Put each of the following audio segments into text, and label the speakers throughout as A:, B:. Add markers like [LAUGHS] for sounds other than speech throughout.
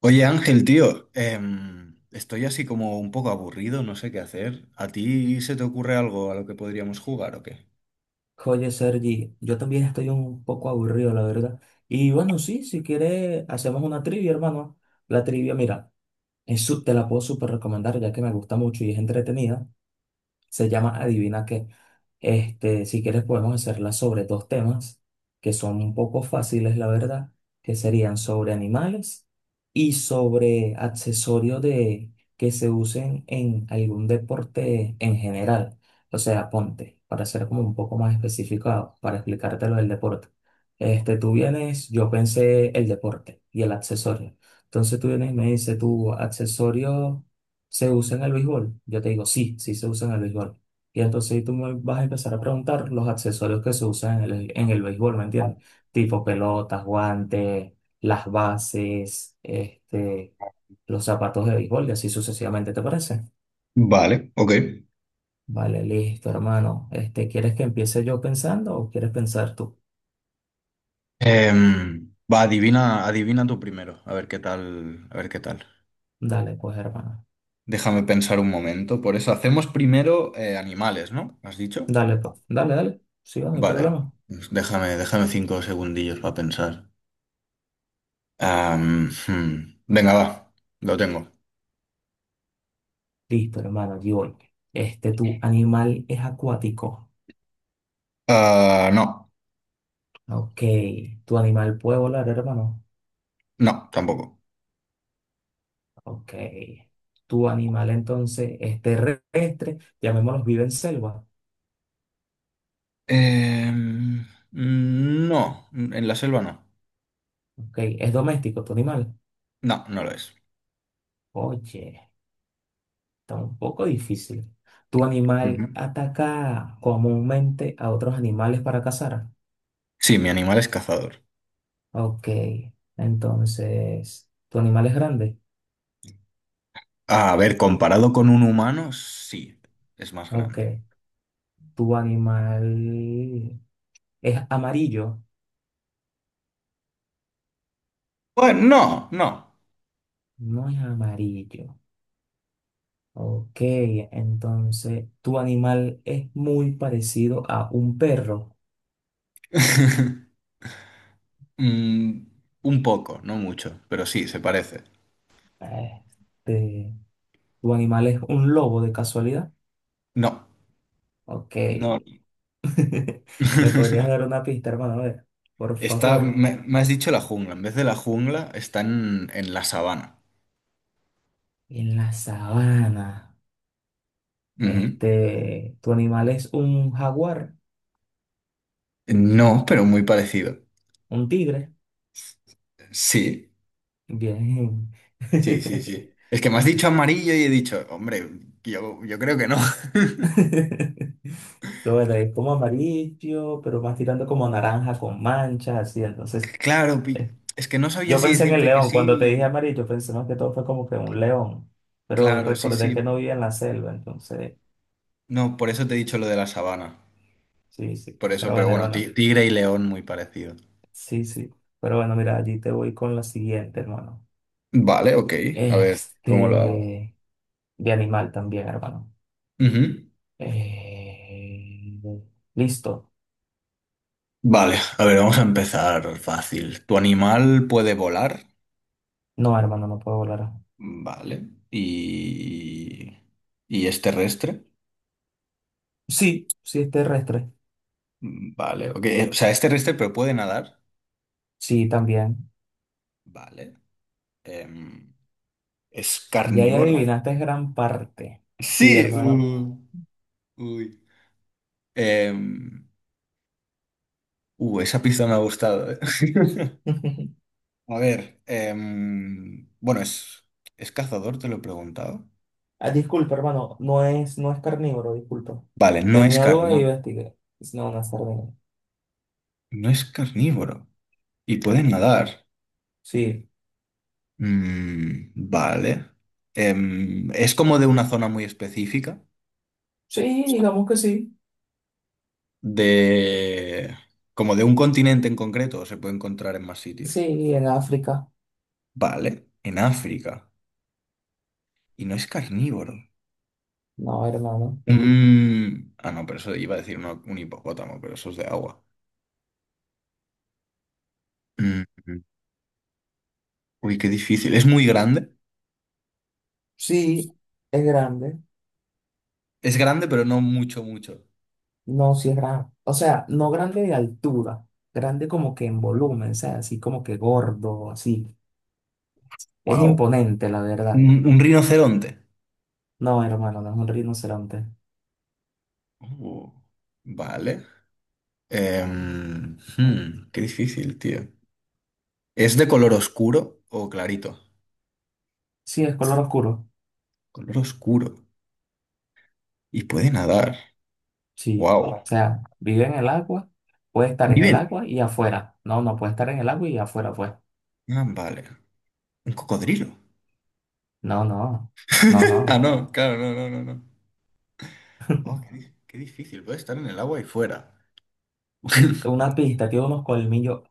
A: Oye Ángel, tío, estoy así como un poco aburrido, no sé qué hacer. ¿A ti se te ocurre algo a lo que podríamos jugar o qué?
B: Oye, Sergi, yo también estoy un poco aburrido, la verdad. Y bueno, sí, si quieres, hacemos una trivia, hermano. La trivia, mira, te la puedo súper recomendar ya que me gusta mucho y es entretenida. Se llama Adivina qué. Este, si quieres podemos hacerla sobre dos temas que son un poco fáciles, la verdad, que serían sobre animales y sobre accesorios de que se usen en algún deporte en general. O sea, ponte, para ser como un poco más especificado, para explicártelo del deporte. Este, tú vienes, yo pensé el deporte y el accesorio. Entonces tú vienes y me dices, ¿tu accesorio se usa en el béisbol? Yo te digo, sí, sí se usa en el béisbol. Y entonces ahí tú me vas a empezar a preguntar los accesorios que se usan en el béisbol, ¿me entiendes? Tipo pelotas, guantes, las bases, este, los zapatos de béisbol y así sucesivamente, ¿te parece?
A: Vale, ok.
B: Vale, listo, hermano. Este, ¿quieres que empiece yo pensando o quieres pensar tú?
A: Va, adivina tú primero, a ver qué tal, a ver qué tal.
B: Dale, pues, hermano.
A: Déjame pensar un momento. Por eso hacemos primero animales, ¿no? ¿Has dicho?
B: Dale, pues. Dale, dale. Sí, va, no hay
A: Vale.
B: problema.
A: Pues Déjame cinco segundillos para pensar. Venga, va. Lo tengo.
B: Listo, hermano, allí voy. Este, ¿tu animal es acuático?
A: Ah, no,
B: Ok. ¿Tu animal puede volar, hermano?
A: no, tampoco.
B: Ok. Tu animal entonces es terrestre, llamémoslo vive en selva.
A: Em, no, en la selva no.
B: Ok. Es doméstico tu animal.
A: No, no lo es.
B: Oye, está un poco difícil. Tu animal
A: Ujú.
B: ataca comúnmente a otros animales para cazar.
A: Sí, mi animal es cazador.
B: Ok. Entonces, tu animal es grande.
A: A ver, comparado con un humano, sí, es más
B: Ok.
A: grande.
B: Tu animal es amarillo.
A: Bueno, no, no.
B: No es amarillo. Ok. Entonces, tu animal es muy parecido a un perro.
A: [LAUGHS] Mm, un poco, no mucho, pero sí, se parece.
B: Este, ¿tu animal es un lobo de casualidad?
A: No,
B: Ok.
A: no.
B: [LAUGHS] ¿Me podrías
A: [LAUGHS]
B: dar una pista, hermano? A ver, por
A: Está,
B: favor.
A: me has dicho la jungla. En vez de la jungla, está en la sabana.
B: En la sabana.
A: Ujú.
B: Este, ¿tu animal es un jaguar?
A: No, pero muy parecido.
B: ¿Un tigre?
A: Sí.
B: Bien.
A: Sí, sí,
B: [LAUGHS]
A: sí. Es que me has dicho amarillo y he dicho, hombre, yo creo que no.
B: Lo bueno, es como amarillo, pero más tirando como naranja con manchas, así. Entonces,
A: [LAUGHS] Claro, pi-
B: eh,
A: es que no sabía
B: yo
A: si
B: pensé en el
A: decirte que
B: león. Cuando te dije
A: sí.
B: amarillo, pensé más que todo fue como que un león. Pero
A: Claro, sí,
B: recordé que
A: sí.
B: no vivía en la selva, entonces.
A: No, por eso te he dicho lo de la sabana.
B: Sí, sí.
A: Por eso,
B: Pero
A: pero
B: bueno,
A: bueno, ti-
B: hermano.
A: tigre y león muy parecido.
B: Sí, sí. Pero bueno, mira, allí te voy con la siguiente, hermano.
A: Vale, ok. A ver, ¿cómo lo hago?
B: Este, de animal también, hermano.
A: Ujú.
B: Eh, listo.
A: Vale, a ver, vamos a empezar fácil. ¿Tu animal puede volar?
B: No, hermano, no puedo volar.
A: Vale. Y es terrestre?
B: Sí, sí es terrestre.
A: Vale, ok. O sea, es terrestre, pero puede nadar.
B: Sí, también.
A: Vale. Em, es
B: Ya ahí
A: carnívoro.
B: adivinaste gran parte. Sí,
A: Sí,
B: hermano.
A: uy. Em, Esa pista me ha gustado. [LAUGHS]
B: [LAUGHS]
A: A ver, bueno, ¿es cazador? Te lo he preguntado.
B: Ah, disculpa, hermano. No es carnívoro, disculpa.
A: Vale,
B: Tenía dudas y investigué. No, no es carnívoro.
A: no es carnívoro. Y puede nadar.
B: Sí.
A: Mm, vale. Es como de una zona muy específica,
B: Sí, digamos que sí.
A: de como de un continente en concreto, o se puede encontrar en más sitios.
B: Sí, en África.
A: Vale, en África. Y no es carnívoro.
B: No, hermano.
A: Ah, no, pero eso iba a decir un hipopótamo, pero eso es de agua. Mm, Uy, qué difícil. Es muy grande.
B: Sí, es grande.
A: Es grande, pero no mucho, mucho.
B: No, sí es grande. O sea, no grande de altura, grande como que en volumen, o sea, así como que gordo, así. Es
A: Wow.
B: imponente, la verdad.
A: Un rinoceronte.
B: No, hermano, no es un rinoceronte.
A: Uh, vale. Qué difícil, tío. ¿Es de color oscuro o clarito?
B: Sí, es color oscuro.
A: Color oscuro. Y puede nadar.
B: Sí.
A: Wow.
B: O sea, vive en el agua, puede estar en el
A: Viven.
B: agua y afuera. No, no puede estar en el agua y afuera, pues.
A: Ah, vale. Un cocodrilo.
B: No, no, no, no.
A: [LAUGHS] Ah, no, claro, no, no, no, no. Oh, di- qué difícil. Puede estar en el agua y fuera.
B: Una
A: [LAUGHS]
B: pista tiene unos colmillos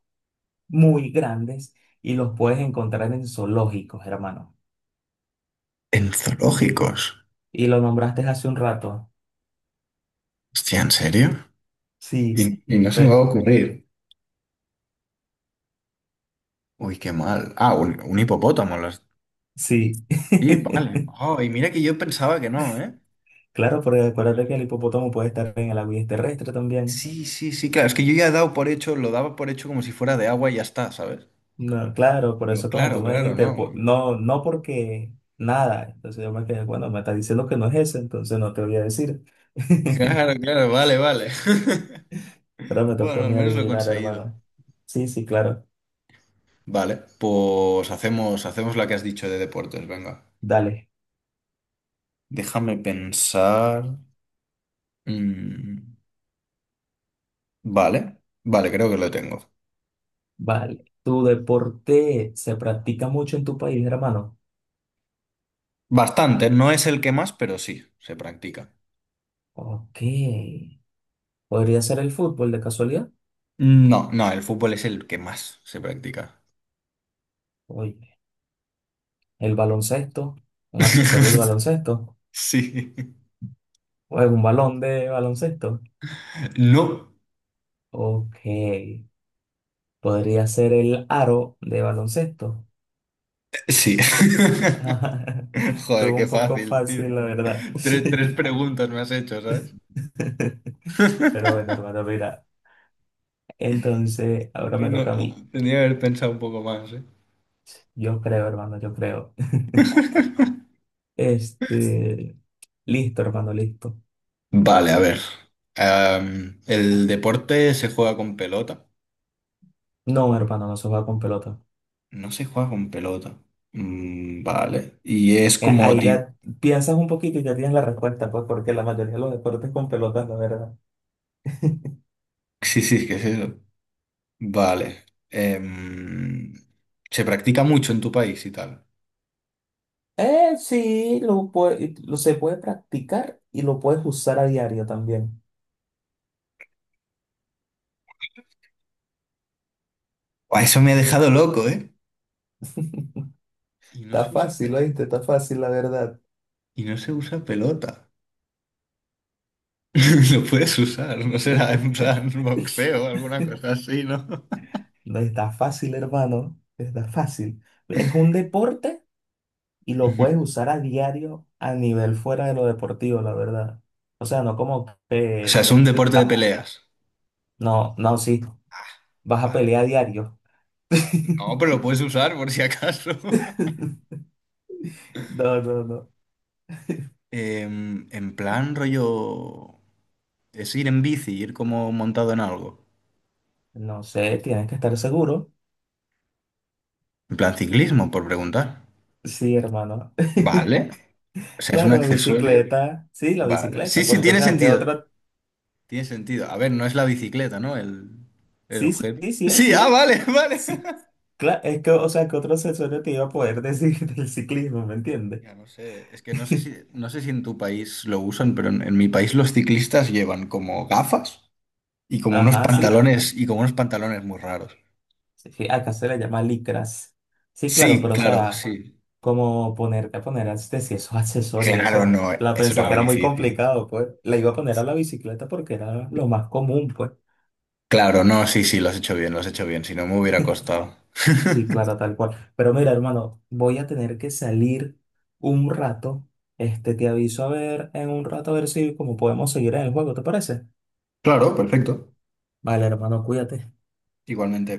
B: muy grandes y los puedes encontrar en zoológicos, hermano.
A: En zoológicos.
B: Y lo nombraste hace un rato.
A: Hostia, ¿en serio?
B: Sí,
A: Y no se me va
B: pe-
A: a ocurrir. Uy, qué mal. Ah, un hipopótamo. Las...
B: sí.
A: Sí, vale.
B: [LAUGHS]
A: Oh, y mira que yo pensaba que no, ¿eh?
B: Claro, porque acuérdate
A: Claro.
B: que el hipopótamo puede estar en el agua y es terrestre también.
A: Sí, sí, sí, claro. Es que yo ya he dado por hecho, lo daba por hecho como si fuera de agua y ya está, ¿sabes?
B: No, claro, por
A: Pero
B: eso como
A: claro,
B: tú me
A: claro,
B: dijiste,
A: no.
B: no, no porque nada. Entonces yo me quedé, bueno, me está diciendo que no es ese, entonces no te voy a decir. [LAUGHS]
A: Claro, claro, vale, vale. [LAUGHS]
B: Pero me toca a
A: Bueno, al
B: mí
A: menos lo he
B: adivinar,
A: conseguido.
B: hermano. Sí, sí, claro.
A: Vale, pues hacemos la que has dicho de deportes, venga.
B: Dale.
A: Déjame pensar. Mm, vale, vale, creo que lo tengo.
B: Vale. ¿Tu deporte se practica mucho en tu país, hermano?
A: Bastante, no es el que más, pero sí, se practica.
B: Ok. ¿Podría ser el fútbol de casualidad?
A: No, no, el fútbol es el que más se practica.
B: Oye, el baloncesto, un accesorio del
A: [LAUGHS]
B: baloncesto,
A: Sí.
B: o un balón de baloncesto.
A: No,
B: Ok, podría ser el aro de baloncesto.
A: sí. [LAUGHS]
B: [LAUGHS]
A: Joder,
B: Estuvo
A: qué
B: un poco
A: fácil, tío.
B: fácil, la verdad. [LAUGHS]
A: Tres
B: Sí.
A: preguntas me has hecho, ¿sabes?
B: Pero bueno, hermano, mira. Entonces, ahora
A: Ay,
B: me
A: no,
B: toca a mí.
A: tendría que haber pensado un poco más, ¿eh?
B: Yo creo, hermano, yo creo. [LAUGHS] Este, listo, hermano, listo.
A: Vale, a ver. El deporte se juega con pelota.
B: No, hermano, no se juega con pelota.
A: No se juega con pelota. Mm, vale. Y es como
B: Ahí
A: tipo.
B: ya piensas un poquito y ya tienes la respuesta, pues, porque la mayoría de los deportes con pelotas, la verdad.
A: Sí, sí, ¿qué es eso? Vale. Se practica mucho en tu país y tal.
B: Sí, lo, lo se puede practicar y lo puedes usar a diario también.
A: Buah, eso me ha dejado loco, ¿eh? Y no
B: Está
A: se usa,
B: fácil,
A: pe-
B: ¿oíste? Está fácil, la verdad.
A: y no se usa pelota. [LAUGHS] Lo puedes usar, no será en plan boxeo o alguna cosa así, ¿no?
B: No está fácil, hermano. Está fácil. Es un deporte y lo
A: Ujú.
B: puedes usar a diario a nivel fuera de lo deportivo, la verdad. O sea, no como
A: O sea,
B: que...
A: es un deporte de peleas.
B: No, no, sí.
A: Ah,
B: Vas a
A: vale.
B: pelear a diario.
A: No,
B: [LAUGHS]
A: pero lo puedes usar por si acaso. [LAUGHS]
B: No, no, no.
A: En plan rollo... Es ir en bici, ir como montado en algo.
B: No sé, tienes que estar seguro.
A: En plan ciclismo, por preguntar.
B: Sí, hermano. [LAUGHS]
A: Vale. O sea, es un
B: Claro,
A: accesorio.
B: bicicleta, sí, la
A: Vale. Sí,
B: bicicleta,
A: sí,
B: porque, o
A: tiene
B: sea, qué
A: sentido.
B: otro,
A: Tiene sentido. A ver, no es la bicicleta, ¿no? El
B: sí, sí,
A: objeto.
B: sí, sí, es,
A: Sí,
B: sí,
A: ah,
B: es,
A: vale, [LAUGHS] vale.
B: sí, claro, es que, o sea, qué otro accesorio te iba a poder decir [LAUGHS] del ciclismo, ¿me entiendes?
A: Ya no sé, es que no sé si,
B: [LAUGHS]
A: no sé si en tu país lo usan, pero en mi país los ciclistas llevan como gafas y como unos
B: Ajá, sí,
A: pantalones y como unos pantalones muy raros.
B: sí, sí, acá se le llama licras, sí, claro,
A: Sí,
B: pero, o
A: claro,
B: sea,
A: sí.
B: como ponerte a poner, este, si esos accesorios,
A: Claro,
B: eso,
A: no,
B: la
A: eso era
B: pensé que
A: muy Wow.
B: era muy
A: difícil.
B: complicado, pues, la iba a poner a la bicicleta porque era lo más común, pues.
A: Claro, no, sí, sí, lo has hecho bien, lo has hecho bien, si no me hubiera costado.
B: Sí, claro, tal cual. Pero mira, hermano, voy a tener que salir un rato. Este, te aviso a ver en un rato a ver si como podemos seguir en el juego, ¿te parece?
A: Claro, perfecto.
B: Vale, hermano, cuídate.
A: Igualmente.